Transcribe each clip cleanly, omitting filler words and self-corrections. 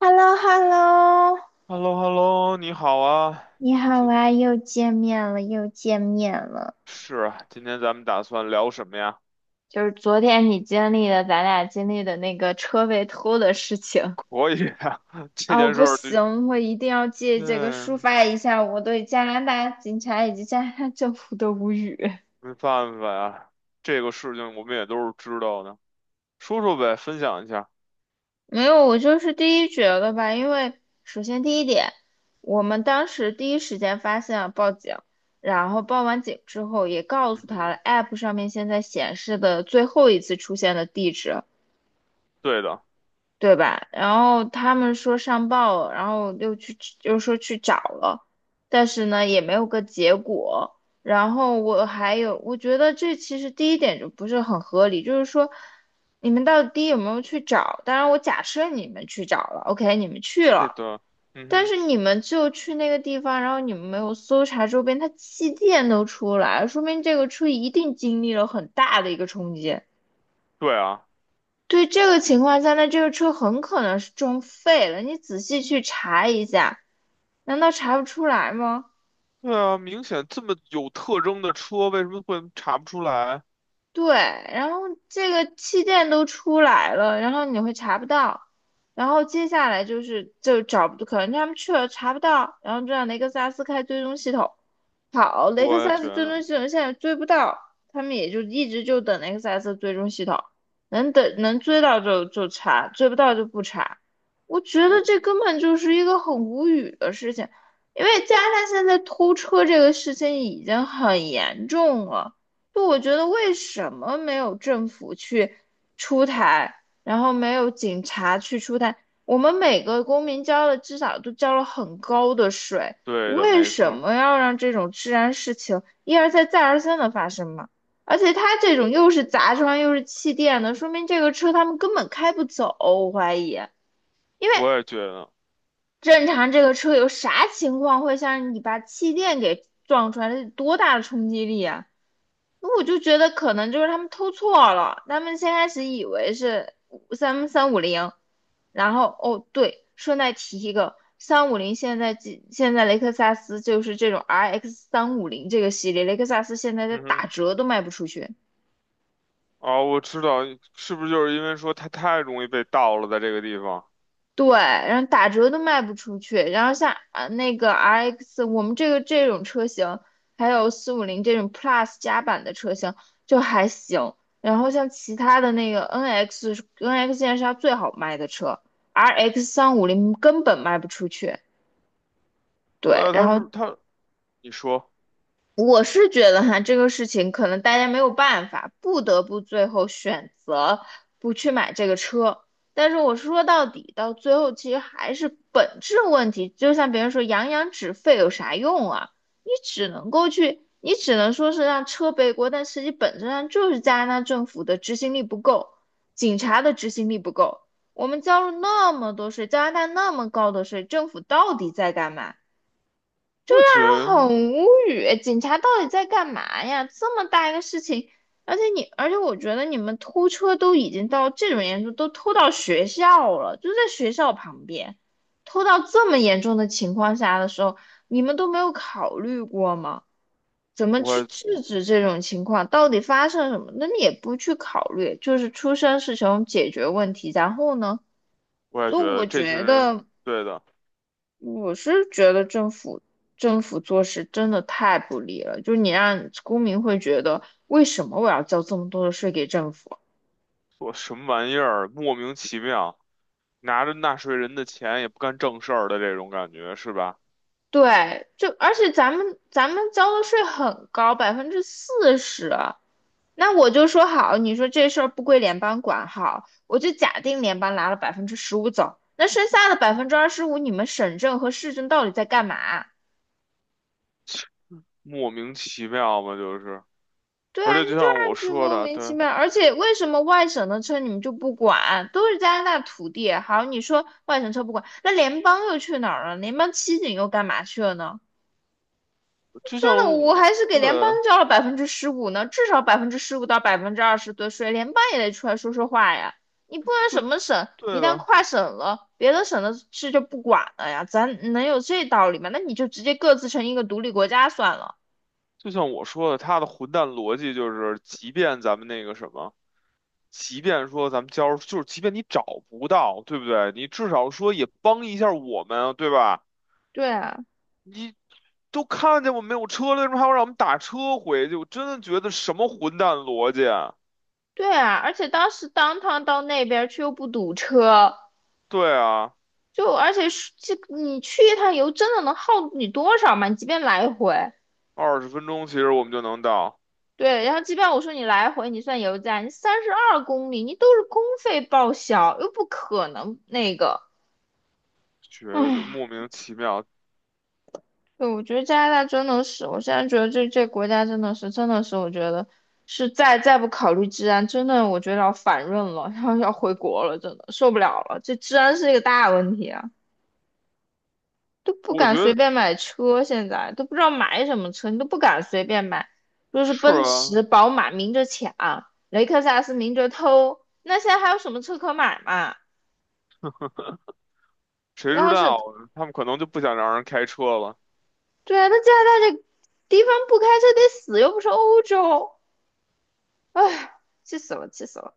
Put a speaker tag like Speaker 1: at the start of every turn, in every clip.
Speaker 1: h e l l o h e l l o
Speaker 2: h e l l o h e l l o 你好啊，
Speaker 1: 你好
Speaker 2: 今
Speaker 1: 啊，又见面了，又见面了。
Speaker 2: 是啊，今天咱们打算聊什么呀？
Speaker 1: 就是昨天你经历的，咱俩经历的那个车被偷的事 情。
Speaker 2: 可以啊，这
Speaker 1: 哦，我
Speaker 2: 件事
Speaker 1: 不
Speaker 2: 儿就，
Speaker 1: 行，我一定要借这个抒
Speaker 2: 嗯，
Speaker 1: 发一下我对加拿大警察以及加拿大政府的无语。
Speaker 2: 没办法呀，这个事情我们也都是知道的，说说呗，分享一下。
Speaker 1: 没有，我就是第一觉得吧，因为首先第一点，我们当时第一时间发现了报警，然后报完警之后也告
Speaker 2: 嗯
Speaker 1: 诉他
Speaker 2: 哼，
Speaker 1: 了，App 上面现在显示的最后一次出现的地址。
Speaker 2: 对的，
Speaker 1: 对吧？然后他们说上报了，然后又去，又说去找了，但是呢也没有个结果。然后我还有，我觉得这其实第一点就不是很合理，就是说你们到底有没有去找？当然，我假设你们去找了，OK,你们去
Speaker 2: 是
Speaker 1: 了，
Speaker 2: 的，嗯
Speaker 1: 但
Speaker 2: 哼，
Speaker 1: 是你们就去那个地方，然后你们没有搜查周边，他气垫都出来了说明这个车一定经历了很大的一个冲击。
Speaker 2: 对啊，
Speaker 1: 对这个情况下，那这个车很可能是撞废了。你仔细去查一下，难道查不出来吗？
Speaker 2: 对啊，明显这么有特征的车，为什么会查不出来？
Speaker 1: 对，然后这个气垫都出来了，然后你会查不到，然后接下来就是就找不，可能他们去了查不到，然后就让雷克萨斯开追踪系统。好，雷克
Speaker 2: 我也
Speaker 1: 萨
Speaker 2: 觉
Speaker 1: 斯追
Speaker 2: 得，
Speaker 1: 踪系统现在追不到，他们也就一直就等雷克萨斯追踪系统，能等能追到就查，追不到就不查。我觉得
Speaker 2: 我，
Speaker 1: 这根本就是一个很无语的事情，因为加上现在偷车这个事情已经很严重了。就我觉得为什么没有政府去出台，然后没有警察去出台？我们每个公民交了至少都交了很高的税，
Speaker 2: 对的，
Speaker 1: 为
Speaker 2: 没错
Speaker 1: 什
Speaker 2: 儿
Speaker 1: 么要让这种治安事情一而再再而三的发生嘛？而且他这种又是砸窗又是气垫的，说明这个车他们根本开不走，我怀疑。
Speaker 2: 我也觉得，
Speaker 1: 正常这个车有啥情况会像你把气垫给撞出来？这得多大的冲击力啊！那我就觉得可能就是他们偷错了，他们先开始以为是三五零，然后哦对，顺带提一个，三五零现在几现在雷克萨斯就是这种 RX 三五零这个系列，雷克萨斯现在在
Speaker 2: 嗯哼，
Speaker 1: 打折都卖不出去。
Speaker 2: 啊，我知道，是不是就是因为说它太容易被盗了，在这个地方？
Speaker 1: 对，然后打折都卖不出去。然后像啊那个 RX,我们这种车型，还有四五零这种 Plus 加版的车型就还行。然后像其他的那个 NX，NX 现在是它最好卖的车，RX 三五零根本卖不出去。
Speaker 2: 对
Speaker 1: 对，
Speaker 2: 啊，
Speaker 1: 然
Speaker 2: 他是
Speaker 1: 后
Speaker 2: 他，你说，
Speaker 1: 我是觉得哈，这个事情可能大家没有办法，不得不最后选择不去买这个车。但是我说到底，到最后其实还是本质问题。就像别人说"扬扬止沸"有啥用啊？你只能够去，你只能说是让车背锅，但实际本质上就是加拿大政府的执行力不够，警察的执行力不够。我们交了那么多税，加拿大那么高的税，政府到底在干嘛？
Speaker 2: 我也觉得，
Speaker 1: 很无语，警察到底在干嘛呀？这么大一个事情，而且我觉得你们偷车都已经到这种严重，都偷到学校了，就在学校旁边，偷到这么严重的情况下的时候，你们都没有考虑过吗？怎么
Speaker 2: 我
Speaker 1: 去
Speaker 2: 也
Speaker 1: 制止这种情况？到底发生什么？那你也不去考虑，就是出生是穷，解决问题，然后呢？
Speaker 2: 我也
Speaker 1: 就
Speaker 2: 觉得
Speaker 1: 我
Speaker 2: 这群
Speaker 1: 觉
Speaker 2: 人，
Speaker 1: 得。
Speaker 2: 对的，
Speaker 1: 我是觉得政府做事真的太不利了，就是你让公民会觉得为什么我要交这么多的税给政府？
Speaker 2: 做什么玩意儿，莫名其妙，拿着纳税人的钱也不干正事儿的这种感觉，是吧？
Speaker 1: 对，就而且咱们交的税很高，40%。那我就说好，你说这事儿不归联邦管好，我就假定联邦拿了百分之十五走，那剩下的25%，你们省政和市政到底在干嘛？
Speaker 2: 莫名其妙嘛，就是，
Speaker 1: 对
Speaker 2: 而
Speaker 1: 啊，
Speaker 2: 且
Speaker 1: 你
Speaker 2: 就
Speaker 1: 就
Speaker 2: 像我
Speaker 1: 让就
Speaker 2: 说
Speaker 1: 莫
Speaker 2: 的，
Speaker 1: 名其
Speaker 2: 对，
Speaker 1: 妙，而且为什么外省的车你们就不管？都是加拿大土地，好，你说外省车不管，那联邦又去哪儿了？联邦骑警又干嘛去了呢？
Speaker 2: 就
Speaker 1: 真的，
Speaker 2: 像
Speaker 1: 我
Speaker 2: 我，
Speaker 1: 还是给
Speaker 2: 对，
Speaker 1: 联邦交了百分之十五呢，至少百分之十五到百分之二十的税，联邦也得出来说说话呀。你不能什
Speaker 2: 就
Speaker 1: 么省，一
Speaker 2: 对
Speaker 1: 旦
Speaker 2: 的，
Speaker 1: 跨省了，别的省的事就不管了呀，咱能有这道理吗？那你就直接各自成一个独立国家算了。
Speaker 2: 就像我说的，他的混蛋逻辑就是，即便咱们那个什么。即便说咱们交，就是即便你找不到，对不对？你至少说也帮一下我们啊，对吧？
Speaker 1: 对啊。
Speaker 2: 你都看见我没有车了，为什么还要让我们打车回去？我真的觉得什么混蛋逻辑啊
Speaker 1: 对啊，而且当时当趟到那边儿去又不堵车，
Speaker 2: 对啊，
Speaker 1: 就而且是这你去一趟油真的能耗你多少嘛？你即便来回，
Speaker 2: 20分钟其实我们就能到，
Speaker 1: 对，然后即便我说你来回你算油价，你32公里，你都是公费报销，又不可能那个，
Speaker 2: 觉得就是
Speaker 1: 唉，
Speaker 2: 莫名其妙。
Speaker 1: 对，我觉得加拿大真的是，我现在觉得这国家真的是，我觉得是再不考虑治安，真的我觉得要反润了，然后要回国了，真的受不了了，这治安是一个大问题啊。都不
Speaker 2: 我
Speaker 1: 敢
Speaker 2: 觉
Speaker 1: 随
Speaker 2: 得
Speaker 1: 便买车，现在都不知道买什么车，你都不敢随便买。就是
Speaker 2: 是
Speaker 1: 奔
Speaker 2: 啊，
Speaker 1: 驰、宝马明着抢，雷克萨斯明着偷，那现在还有什么车可买嘛？
Speaker 2: 谁
Speaker 1: 然
Speaker 2: 知
Speaker 1: 后是，
Speaker 2: 道啊他们可能就不想让人开车了。
Speaker 1: 对啊，那加拿大这地方不开车得死，又不是欧洲，唉，气死了，气死了。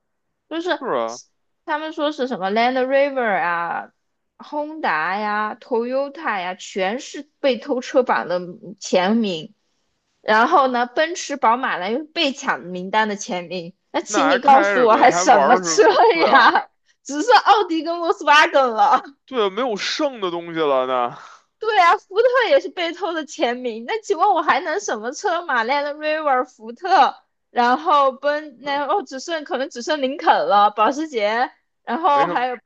Speaker 1: 就是
Speaker 2: 是啊，
Speaker 1: 他们说是什么 Land Rover 啊、Honda 呀、Toyota 呀，全是被偷车榜的前名。然后呢，奔驰、宝马、呢？又是被抢名单的前名。那
Speaker 2: 那
Speaker 1: 请
Speaker 2: 还
Speaker 1: 你告
Speaker 2: 开
Speaker 1: 诉
Speaker 2: 什
Speaker 1: 我，
Speaker 2: 么呀？
Speaker 1: 还
Speaker 2: 他还
Speaker 1: 什
Speaker 2: 玩
Speaker 1: 么
Speaker 2: 儿什
Speaker 1: 车
Speaker 2: 么？对啊，
Speaker 1: 呀？只剩奥迪跟 Volkswagen 了。
Speaker 2: 对啊，没有剩的东西了那
Speaker 1: 对啊，福特也是被偷的前名。那请问我还能什么车嘛？Land Rover、福特，然后奔那哦，只剩可能只剩林肯了，保时捷，然
Speaker 2: 没
Speaker 1: 后
Speaker 2: 什么，
Speaker 1: 还有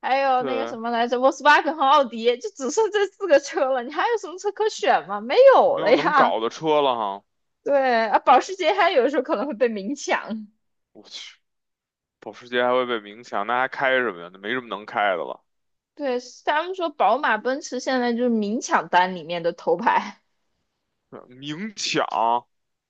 Speaker 1: 那个
Speaker 2: 对，
Speaker 1: 什么来着，Volkswagen 和奥迪，就只剩这四个车了。你还有什么车可选吗？没有
Speaker 2: 没有
Speaker 1: 了
Speaker 2: 能
Speaker 1: 呀。
Speaker 2: 搞的车了哈。
Speaker 1: 对啊，保时捷还有时候可能会被明抢。
Speaker 2: 我去，保时捷还会被明抢，那还开什么呀？那没什么能开的了。
Speaker 1: 对，他们说宝马、奔驰现在就是明抢单里面的头牌。
Speaker 2: 对明抢。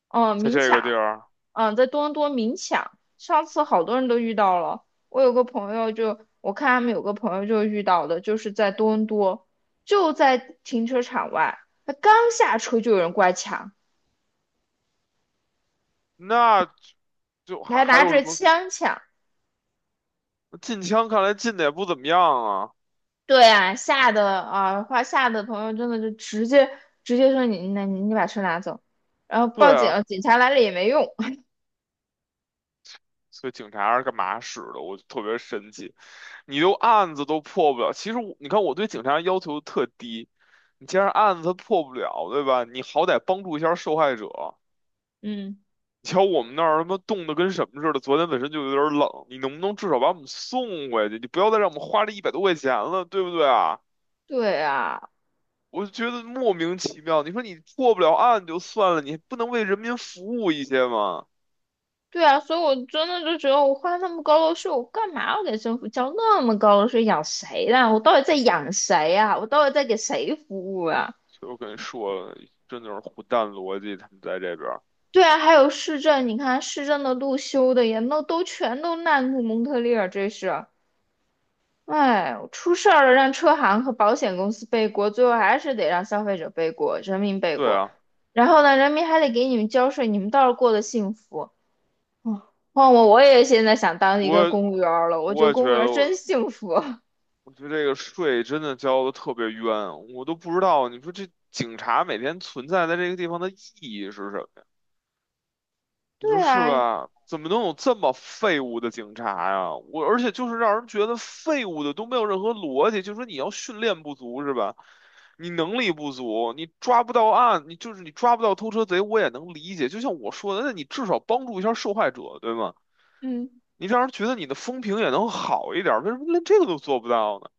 Speaker 1: 嗯，
Speaker 2: 在
Speaker 1: 明
Speaker 2: 这个地
Speaker 1: 抢，
Speaker 2: 儿，
Speaker 1: 嗯，在多伦多明抢，上次
Speaker 2: 操，
Speaker 1: 好多人都遇到了。我有个朋友就，我看他们有个朋友就遇到的，就是在多伦多，就在停车场外，他刚下车就有人过来抢，
Speaker 2: 那就就还
Speaker 1: 还
Speaker 2: 还
Speaker 1: 拿
Speaker 2: 有什
Speaker 1: 着
Speaker 2: 么
Speaker 1: 枪抢，
Speaker 2: 禁枪？看来禁的也不怎么样啊。
Speaker 1: 对啊，吓得啊，话吓得朋友真的就直接说你那你你把车拿走，然后
Speaker 2: 对
Speaker 1: 报警
Speaker 2: 啊，
Speaker 1: 了，警察来了也没用。
Speaker 2: 所以警察是干嘛使的？我就特别神奇，你都案子都破不了。其实我，你看我对警察要求特低，你既然案子破不了，对吧？你好歹帮助一下受害者。
Speaker 1: 嗯，
Speaker 2: 你瞧我们那儿他妈冻得跟什么似的，昨天本身就有点冷，你能不能至少把我们送回去？你不要再让我们花这一百多块钱了，对不对啊？
Speaker 1: 对啊，
Speaker 2: 我就觉得莫名其妙。你说你破不了案就算了，你不能为人民服务一些吗？
Speaker 1: 对啊，所以我真的就觉得我花那么高的税，我干嘛要给政府交那么高的税？养谁呢？我到底在养谁呀？我到底在给谁服务啊？
Speaker 2: 就以我跟你说了，真的是虎蛋逻辑，他们在这边儿。
Speaker 1: 对啊，还有市政，你看市政的路修的也那都全都烂路蒙特利尔，这是。哎，出事儿了，让车行和保险公司背锅，最后还是得让消费者背锅，人民背
Speaker 2: 对
Speaker 1: 锅。
Speaker 2: 啊，
Speaker 1: 然后呢，人民还得给你们交税，你们倒是过得幸福。嗯，换我，我也现在想当一个
Speaker 2: 我
Speaker 1: 公务员儿了，我觉
Speaker 2: 我
Speaker 1: 得
Speaker 2: 也觉
Speaker 1: 公务
Speaker 2: 得
Speaker 1: 员儿真
Speaker 2: 我，
Speaker 1: 幸福。
Speaker 2: 我觉得这个税真的交的特别冤，我都不知道。你说这警察每天存在在这个地方的意义是什么？你说
Speaker 1: 对
Speaker 2: 是
Speaker 1: 啊，
Speaker 2: 吧？怎么能有这么废物的警察呀？我而且就是让人觉得废物的都没有任何逻辑，就说你要训练不足是吧？你能力不足，你抓不到案，你就是你抓不到偷车贼，我也能理解。就像我说的，那你至少帮助一下受害者，对吗？
Speaker 1: 嗯，
Speaker 2: 你让人觉得你的风评也能好一点儿为什么连这个都做不到呢？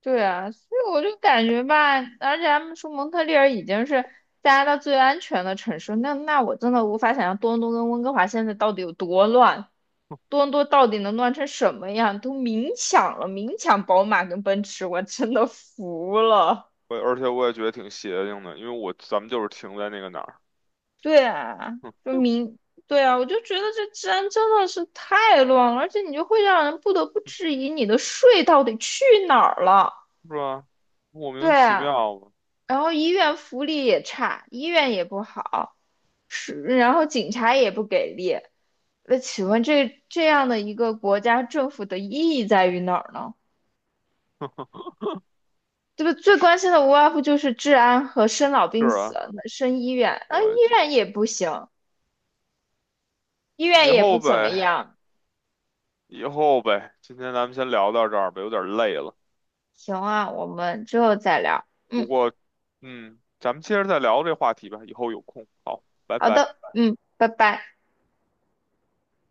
Speaker 1: 对啊，所以我就感觉吧，而且他们说蒙特利尔已经是加拿大最安全的城市，那我真的无法想象多伦多跟温哥华现在到底有多乱。多伦多到底能乱成什么样？都明抢了，明抢宝马跟奔驰，我真的服了。
Speaker 2: 我而且我也觉得挺邪性的，因为我咱们就是停在那个哪儿，
Speaker 1: 对啊，
Speaker 2: 哼
Speaker 1: 就明，对啊，我就觉得这治安真的是太乱了，而且你就会让人不得不质疑你的税到底去哪儿了。
Speaker 2: 是吧？莫名
Speaker 1: 对
Speaker 2: 其
Speaker 1: 啊，
Speaker 2: 妙吧，
Speaker 1: 然后医院福利也差，医院也不好，是，然后警察也不给力。那请问这样的一个国家政府的意义在于哪儿呢？这个最关心的无外乎就是治安和生老
Speaker 2: 是
Speaker 1: 病死，
Speaker 2: 啊，
Speaker 1: 那生医院，啊，医
Speaker 2: 我。
Speaker 1: 院也不行，医院
Speaker 2: 以
Speaker 1: 也
Speaker 2: 后
Speaker 1: 不怎么
Speaker 2: 呗，
Speaker 1: 样。
Speaker 2: 以后呗，今天咱们先聊到这儿吧，有点累了。
Speaker 1: 行啊，我们之后再聊。
Speaker 2: 不
Speaker 1: 嗯，
Speaker 2: 过，嗯，咱们接着再聊这话题吧，以后有空。好，拜
Speaker 1: 好
Speaker 2: 拜。
Speaker 1: 的，嗯，拜拜。